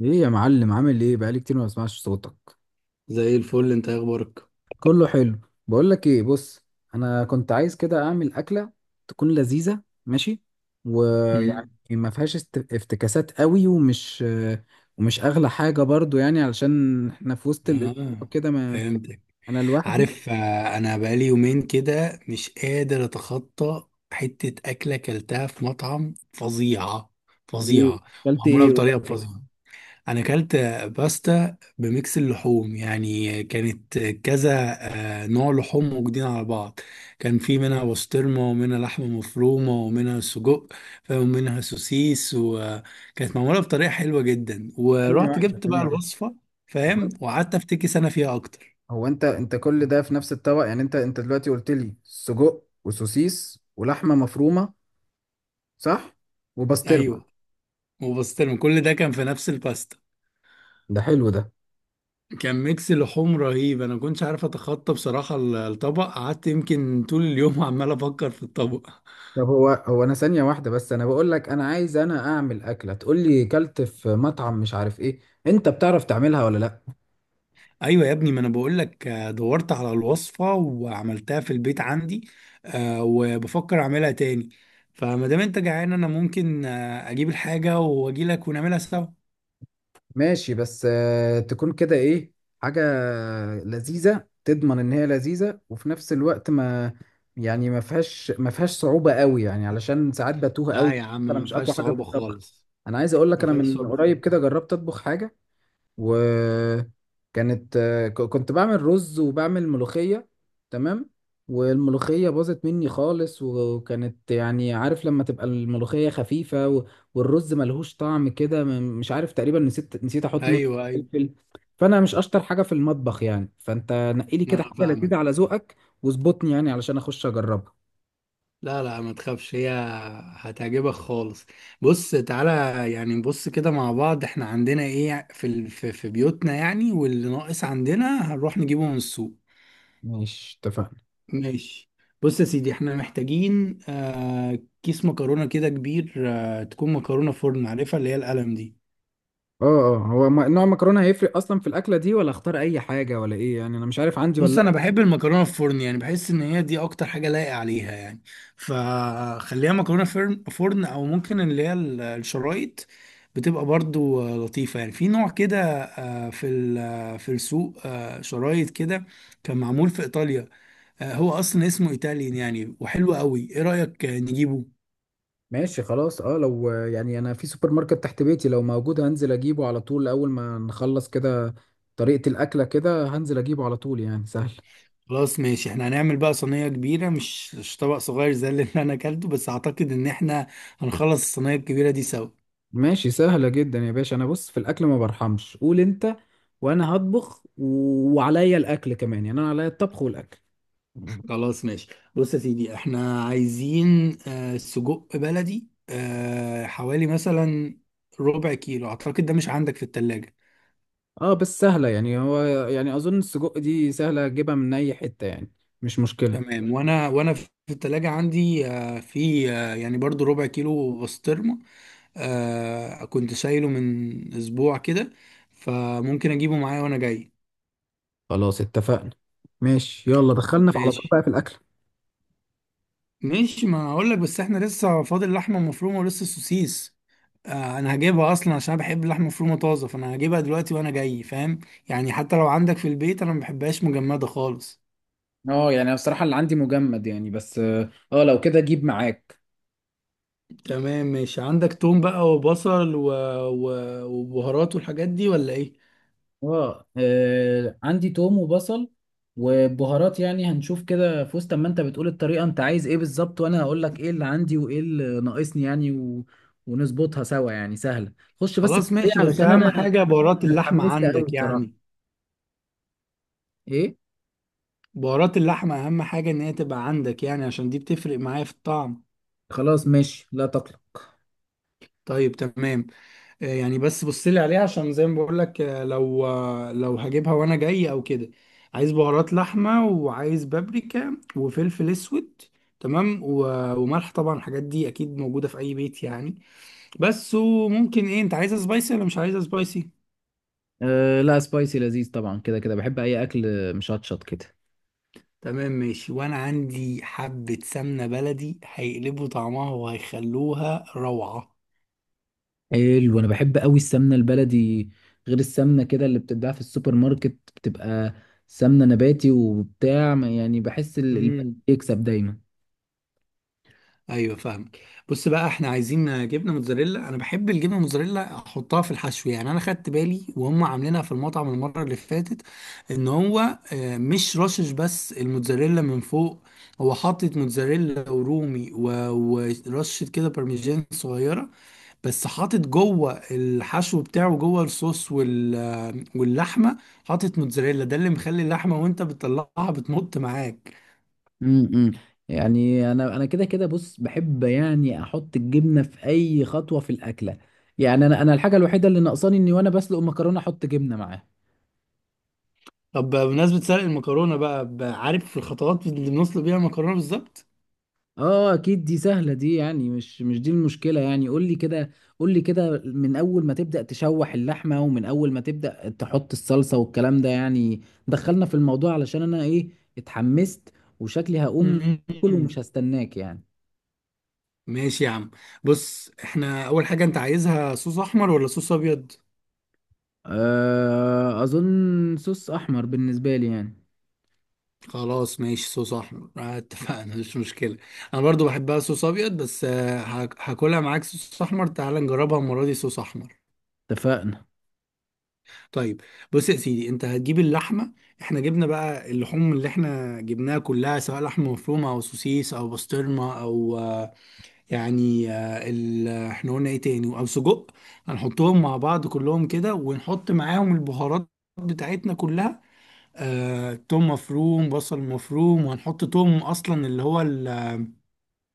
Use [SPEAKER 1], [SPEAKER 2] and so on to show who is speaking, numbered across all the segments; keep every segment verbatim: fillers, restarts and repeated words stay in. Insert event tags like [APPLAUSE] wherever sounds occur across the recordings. [SPEAKER 1] ايه يا معلم؟ عامل ايه؟ بقالي كتير ما بسمعش صوتك.
[SPEAKER 2] زي الفل، انت إيه اخبارك؟
[SPEAKER 1] كله حلو. بقول لك ايه، بص. انا كنت عايز كده اعمل اكله تكون لذيذه، ماشي؟ ويعني
[SPEAKER 2] مم.
[SPEAKER 1] ما فيهاش است- افتكاسات قوي، ومش ومش اغلى حاجه برضو، يعني علشان احنا في وسط الاسبوع
[SPEAKER 2] اه.
[SPEAKER 1] كده. ما
[SPEAKER 2] فهمتك.
[SPEAKER 1] انا لوحدي.
[SPEAKER 2] عارف، آه، انا بقالي يومين كده مش قادر اتخطى حتة اكلة اكلتها في مطعم فظيعة
[SPEAKER 1] ايه؟
[SPEAKER 2] فظيعة.
[SPEAKER 1] اكلت
[SPEAKER 2] معمولة
[SPEAKER 1] ايه؟
[SPEAKER 2] بطريقة
[SPEAKER 1] قول.
[SPEAKER 2] فظيعة. انا اكلت باستا بميكس اللحوم، يعني كانت كذا آه، نوع لحوم موجودين على بعض. كان في منها بسطرمه ومنها لحمه مفرومه ومنها سجق ومنها سوسيس، وكانت معموله بطريقه حلوه جدا
[SPEAKER 1] ثانيه
[SPEAKER 2] ورحت
[SPEAKER 1] واحده
[SPEAKER 2] جبت بقى
[SPEAKER 1] ثانيه واحده.
[SPEAKER 2] الوصفه. فاهم،
[SPEAKER 1] هو
[SPEAKER 2] وقعدت افتكس انا فيها اكتر.
[SPEAKER 1] هو انت انت كل ده في نفس الطبق؟ يعني انت انت دلوقتي قلت لي سجق وسوسيس ولحمه مفرومه، صح؟ وبسطرمه.
[SPEAKER 2] ايوه، وبسطرمه كل ده كان في نفس الباستا.
[SPEAKER 1] ده حلو ده.
[SPEAKER 2] كان ميكس لحوم رهيب، انا ما كنتش عارف اتخطى بصراحه الطبق، قعدت يمكن طول اليوم [LAUGHS] عمال افكر في الطبق.
[SPEAKER 1] طب هو هو انا ثانية واحدة، بس انا بقول لك، انا عايز انا اعمل اكلة، تقول لي كلت في مطعم مش عارف ايه. انت بتعرف تعملها ولا لا؟
[SPEAKER 2] ايوه يا ابني، ما انا بقول لك دورت على الوصفه وعملتها في البيت عندي. آه، وبفكر اعملها تاني. فما دام انت جعان، انا ممكن آه، اجيب الحاجه واجي لك ونعملها سوا.
[SPEAKER 1] ماشي، بس آه، تكون كده ايه؟ حاجة لذيذة، تضمن ان هي لذيذة، وفي نفس الوقت ما يعني ما فيهاش ما فيهاش صعوبة قوي، يعني علشان ساعات بتوه قوي.
[SPEAKER 2] لا يا عم،
[SPEAKER 1] انا
[SPEAKER 2] ما
[SPEAKER 1] مش
[SPEAKER 2] فيهاش
[SPEAKER 1] اقوى حاجة في
[SPEAKER 2] صعوبه
[SPEAKER 1] الطبخ.
[SPEAKER 2] خالص.
[SPEAKER 1] انا عايز اقول لك،
[SPEAKER 2] ما
[SPEAKER 1] انا
[SPEAKER 2] فيهاش
[SPEAKER 1] من
[SPEAKER 2] صعوبه
[SPEAKER 1] قريب كده
[SPEAKER 2] خالص.
[SPEAKER 1] جربت اطبخ حاجة، وكانت آه، ك- كنت بعمل رز وبعمل ملوخية، تمام؟ والملوخية باظت مني خالص، وكانت يعني عارف لما تبقى الملوخية خفيفة و، والرز ملهوش طعم كده، م- مش عارف، تقريبا نسيت نسيت احط ملح
[SPEAKER 2] ايوه، ايوه.
[SPEAKER 1] وفلفل. فانا مش اشطر حاجة في المطبخ يعني، فانت نقي لي
[SPEAKER 2] انا
[SPEAKER 1] كده حاجة
[SPEAKER 2] فاهمك.
[SPEAKER 1] لذيذة على ذوقك واظبطني، يعني علشان اخش اجربها.
[SPEAKER 2] لا، لا، ما تخافش، هي هتعجبك خالص. بص، تعالى. يعني نبص كده مع بعض، احنا عندنا ايه في ال- في في بيوتنا يعني، واللي ناقص عندنا هنروح نجيبه من السوق.
[SPEAKER 1] ماشي، اتفقنا.
[SPEAKER 2] ماشي. بص يا سيدي، احنا محتاجين آه كيس مكرونة كده كبير، آه تكون مكرونة فرن، عارفها اللي هي القلم دي؟
[SPEAKER 1] اه. اه، هو م- نوع المكرونة هيفرق اصلا في الاكلة دي، ولا اختار اي حاجة ولا ايه؟ يعني انا مش عارف عندي
[SPEAKER 2] بص،
[SPEAKER 1] ولا.
[SPEAKER 2] انا بحب المكرونة فرن، يعني بحس ان هي دي اكتر حاجة لايقة عليها يعني. فخليها مكرونة فرن فرن او ممكن اللي هي ال- الشرايط. بتبقى برضو آه، لطيفة، يعني في نوع كده، آه في ال- آه، في السوق آه شرايط كده. كان معمول في ايطاليا. آه هو اصلا اسمه ايطاليان يعني، وحلو قوي، ايه رأيك آه، نجيبه؟
[SPEAKER 1] ماشي، خلاص. اه، لو يعني انا في سوبر ماركت تحت بيتي، لو موجود هنزل اجيبه على طول اول ما نخلص كده طريقة الاكلة، كده هنزل اجيبه على طول، يعني سهل.
[SPEAKER 2] خلاص ماشي، احنا هنعمل بقى صينية كبيرة، مش مش طبق صغير زي اللي انا اكلته، بس اعتقد ان احنا هنخلص الصينية الكبيرة دي سوا.
[SPEAKER 1] ماشي، سهلة جدا يا باشا. انا بص، في الاكل ما برحمش، قول انت وانا هطبخ، و- وعليا الاكل كمان، يعني انا عليا الطبخ والاكل.
[SPEAKER 2] خلاص ماشي. بص يا سيدي، احنا عايزين آه، سجق بلدي، آه، حوالي مثلا ربع كيلو، اعتقد ده مش عندك في التلاجة.
[SPEAKER 1] اه، بس سهلة يعني، هو يعني اظن السجق دي سهلة اجيبها من اي حتة يعني، مش مشكلة.
[SPEAKER 2] تمام. وانا وانا في التلاجة عندي آه، في آه، يعني برضو ربع كيلو بسطرمة. آه، كنت شايله من اسبوع كده، فممكن اجيبه معايا وانا جاي.
[SPEAKER 1] خلاص اتفقنا. ماشي، يلا دخلنا في على طول
[SPEAKER 2] ماشي،
[SPEAKER 1] بقى في الاكل.
[SPEAKER 2] ماشي. ما هقول لك، بس احنا لسه فاضل لحمه مفرومه ولسه سوسيس. آه انا هجيبها اصلا، عشان أنا بحب اللحمه المفرومه طازه، فانا هجيبها دلوقتي وانا جاي، فاهم؟ يعني حتى لو عندك في البيت، انا ما بحبهاش مجمده خالص.
[SPEAKER 1] اه، يعني أنا بصراحة اللي عندي مجمد يعني، بس اه، آه، لو كده جيب معاك.
[SPEAKER 2] تمام ماشي، عندك توم بقى وبصل و... و... وبهارات والحاجات دي ولا ايه؟
[SPEAKER 1] اه، آه، عندي توم وبصل وبهارات، يعني هنشوف كده في وسط ما انت بتقول الطريقة، انت عايز ايه بالظبط وانا هقول لك ايه اللي عندي وايه اللي ناقصني، يعني و، ونظبطها سوا، يعني سهلة. خش بس في
[SPEAKER 2] خلاص
[SPEAKER 1] الطريقة
[SPEAKER 2] ماشي، بس
[SPEAKER 1] علشان
[SPEAKER 2] اهم
[SPEAKER 1] انا
[SPEAKER 2] حاجه بهارات
[SPEAKER 1] انا
[SPEAKER 2] اللحمه
[SPEAKER 1] اتحمست قوي
[SPEAKER 2] عندك
[SPEAKER 1] الصراحة.
[SPEAKER 2] يعني.
[SPEAKER 1] ايه؟
[SPEAKER 2] بهارات اللحمه اهم حاجه ان هي تبقى عندك، يعني عشان دي بتفرق معايا في الطعم.
[SPEAKER 1] خلاص ماشي، لا تقلق.
[SPEAKER 2] طيب، تمام. آه، يعني بس بص لي عليها، عشان زي ما بقول لك آه، لو آه، لو هجيبها وانا جاي او كده. عايز بهارات لحمه، وعايز بابريكا وفلفل اسود. تمام، و- وملح طبعا، الحاجات دي اكيد موجوده في اي بيت يعني. بس. وممكن ايه، انت عايزها سبايسي ولا مش عايزها سبايسي؟
[SPEAKER 1] أه، لا سبايسي لذيذ طبعا، كده كده بحب اي اكل مشطشط كده.
[SPEAKER 2] تمام ماشي، وانا عندي حبه سمنه بلدي هيقلبوا طعمها وهيخلوها روعه.
[SPEAKER 1] حلو، انا بحب قوي السمنه البلدي، غير السمنه كده اللي بتتباع في السوبر ماركت بتبقى سمنه نباتي وبتاع، ما، يعني بحس ال، البلدي يكسب دايما.
[SPEAKER 2] ايوه، فاهمك. بص بقى، احنا عايزين جبنه موتزاريلا، انا بحب الجبنه موتزاريلا احطها في الحشو، يعني انا خدت بالي وهم عاملينها في المطعم المره اللي فاتت. ان هو آه، مش رشش بس الموتزاريلا من فوق، هو حاطط موتزاريلا ورومي و- ورشه كده بارميجان صغيره. بس حاطط جوه الحشو بتاعه، جوه الصوص وال آه، واللحمه. حاطط موتزاريلا، ده اللي مخلي اللحمه وانت بتطلعها بتمط معاك.
[SPEAKER 1] امم يعني انا انا كده كده بص، بحب يعني احط الجبنه في اي خطوه في الاكله، يعني انا انا الحاجه الوحيده اللي ناقصاني اني وانا بسلق المكرونه احط جبنه معاها.
[SPEAKER 2] طب بمناسبة سلق المكرونة بقى، ب- عارف الخطوات اللي بنسلق بيها المكرونة بالظبط؟
[SPEAKER 1] اه اكيد دي سهله دي، يعني مش مش دي المشكله يعني، قول لي كده، قول لي كده من اول ما تبدا تشوح اللحمه، ومن اول ما تبدا تحط الصلصه والكلام ده، يعني دخلنا في الموضوع علشان انا ايه، اتحمست وشكلي هقوم اكل ومش
[SPEAKER 2] مم.
[SPEAKER 1] هستناك يعني.
[SPEAKER 2] ماشي يا عم. بص، احنا أول حاجة، أنت عايزها صوص أحمر ولا صوص أبيض؟
[SPEAKER 1] أه، اظن صوص احمر بالنسبه لي يعني.
[SPEAKER 2] خلاص ماشي، صوص أحمر آه، اتفقنا، مش مشكلة. أنا برضو بحبها صوص أبيض، بس آه، هاك- هاكلها معاك صوص أحمر، تعال نجربها المرة دي صوص أحمر.
[SPEAKER 1] اتفقنا.
[SPEAKER 2] طيب. بص يا سيدي، أنت هتجيب اللحمة، احنا جبنا بقى اللحوم اللي احنا جبناها كلها، سواء لحمة مفرومة أو سوسيس أو بسطرمة أو آه، يعني آه، ال- احنا قلنا ايه تاني او سجق. هنحطهم مع بعض كلهم كده، ونحط معاهم البهارات بتاعتنا كلها. آه، توم مفروم، بصل مفروم، وهنحط توم اصلا اللي هو ال-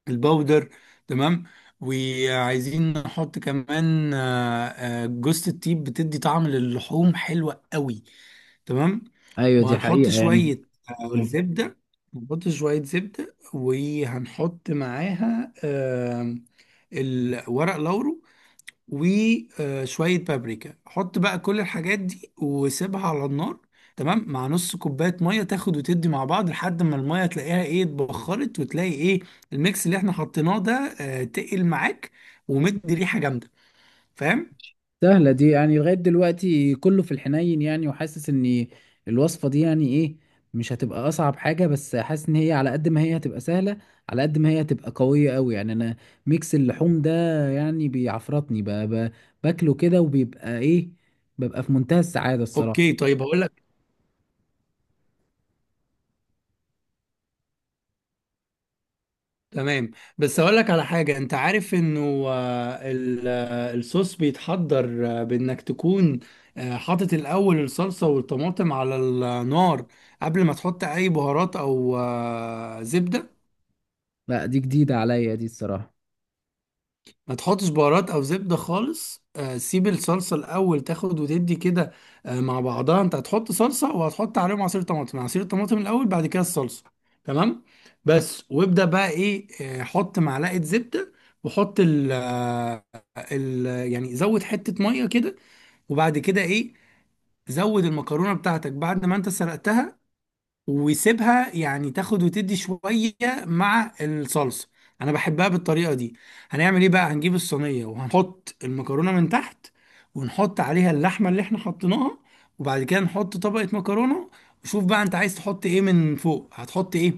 [SPEAKER 2] الباودر. تمام. وعايزين نحط كمان آه، آه، جوزة الطيب، بتدي طعم للحوم حلوة قوي. تمام.
[SPEAKER 1] ايوه دي
[SPEAKER 2] وهنحط
[SPEAKER 1] حقيقه يعني.
[SPEAKER 2] شوية
[SPEAKER 1] قول
[SPEAKER 2] آه،
[SPEAKER 1] لي.
[SPEAKER 2] زبدة. هنحط شوية زبدة، وهنحط معاها آم، الورق لورو وشوية بابريكا، حط بقى كل الحاجات دي وسيبها على النار. تمام، مع نص كوباية مية، تاخد وتدي مع بعض لحد ما المية تلاقيها ايه اتبخرت، وتلاقي ايه الميكس اللي احنا حطيناه ده آه، تقل معاك ومدي ريحة جامدة، فاهم؟
[SPEAKER 1] سهلة دي، يعني لغاية دلوقتي كله في الحنين يعني، وحاسس ان الوصفة دي يعني ايه، مش هتبقى اصعب حاجة، بس حاسس ان هي على قد ما هي هتبقى سهلة، على قد ما هي هتبقى قوية قوي. يعني انا ميكس اللحوم ده يعني بيعفرطني، ب- ب- باكله كده، وبيبقى ايه، ببقى في منتهى السعادة الصراحة.
[SPEAKER 2] اوكي، طيب هقول لك. تمام. بس اقول لك على حاجه، انت عارف انه آه، ال- آه، الصوص بيتحضر آه، بانك تكون آه، حاطط الاول الصلصه والطماطم على النار، قبل ما تحط اي بهارات او آه، زبده.
[SPEAKER 1] لا دي جديدة عليا دي الصراحة.
[SPEAKER 2] ما تحطش بهارات او زبده خالص. آه، سيب الصلصه الاول تاخد وتدي كده آه، مع بعضها، انت هتحط صلصه وهتحط عليهم عصير طماطم، عصير الطماطم الاول بعد كده الصلصه. تمام. بس وابدا بقى ايه، آه، حط معلقه زبده، وحط ال آه، ال يعني زود حته ميه كده. وبعد كده ايه، زود المكرونه بتاعتك بعد ما انت سلقتها، ويسيبها يعني تاخد وتدي شوية مع الصلصة. انا بحبها بالطريقة دي. هنعمل ايه بقى، هنجيب الصينية وهنحط المكرونة من تحت، ونحط عليها اللحمة اللي احنا حطيناها، وبعد كده نحط طبقة مكرونة. وشوف بقى انت عايز تحط ايه من فوق، هتحط ايه؟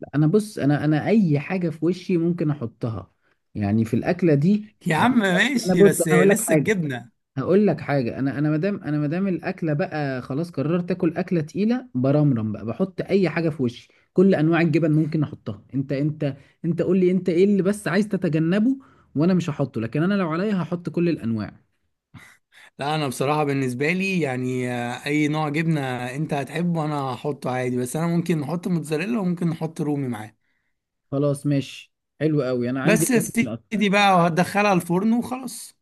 [SPEAKER 1] لا، انا بص، انا انا اي حاجة في وشي ممكن احطها، يعني في الاكلة دي
[SPEAKER 2] يا
[SPEAKER 1] يعني.
[SPEAKER 2] عم
[SPEAKER 1] انا
[SPEAKER 2] ماشي،
[SPEAKER 1] بص انا
[SPEAKER 2] بس
[SPEAKER 1] اقول لك
[SPEAKER 2] لسه
[SPEAKER 1] حاجة.
[SPEAKER 2] الجبنة.
[SPEAKER 1] هقول لك حاجه، انا انا مادام، انا مادام الاكله بقى خلاص قررت اكل اكله تقيله برمرم، بقى بحط اي حاجه في وشي. كل انواع الجبن ممكن احطها. انت، انت انت قول لي، انت ايه اللي بس عايز تتجنبه وانا مش هحطه، لكن انا لو عليا هحط كل الانواع.
[SPEAKER 2] لا، انا بصراحة بالنسبة لي يعني آه، اي نوع جبنة انت هتحبه انا هحطه عادي، بس انا ممكن نحط موتزاريلا وممكن نحط رومي معاه.
[SPEAKER 1] خلاص ماشي. حلو قوي، انا عندي
[SPEAKER 2] بس يا
[SPEAKER 1] الاتنين أصلاً.
[SPEAKER 2] سيدي بقى وهتدخلها الفرن وخلاص.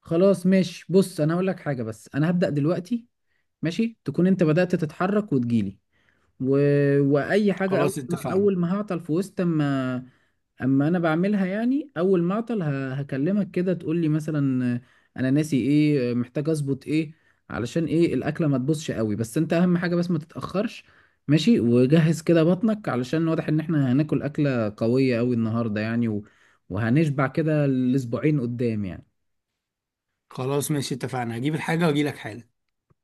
[SPEAKER 1] خلاص ماشي، بص انا هقول لك حاجه. بس انا هبدا دلوقتي، ماشي؟ تكون انت بدات تتحرك وتجيلي، و، واي حاجه، اول
[SPEAKER 2] خلاص
[SPEAKER 1] ما
[SPEAKER 2] اتفقنا.
[SPEAKER 1] اول ما هعطل في وسط اما اما انا بعملها يعني، اول ما اعطل ه- هكلمك كده، تقول لي مثلا آه، انا ناسي ايه، آه، محتاج اظبط ايه، علشان ايه الاكله ما تبوظش قوي. بس انت اهم حاجه بس ما تتاخرش. ماشي، وجهز كده بطنك علشان واضح ان احنا هناكل اكله قويه قوي النهارده، يعني و... وهنشبع كده الاسبوعين قدام يعني.
[SPEAKER 2] خلاص ماشي اتفقنا، هجيب الحاجة واجيلك حالا.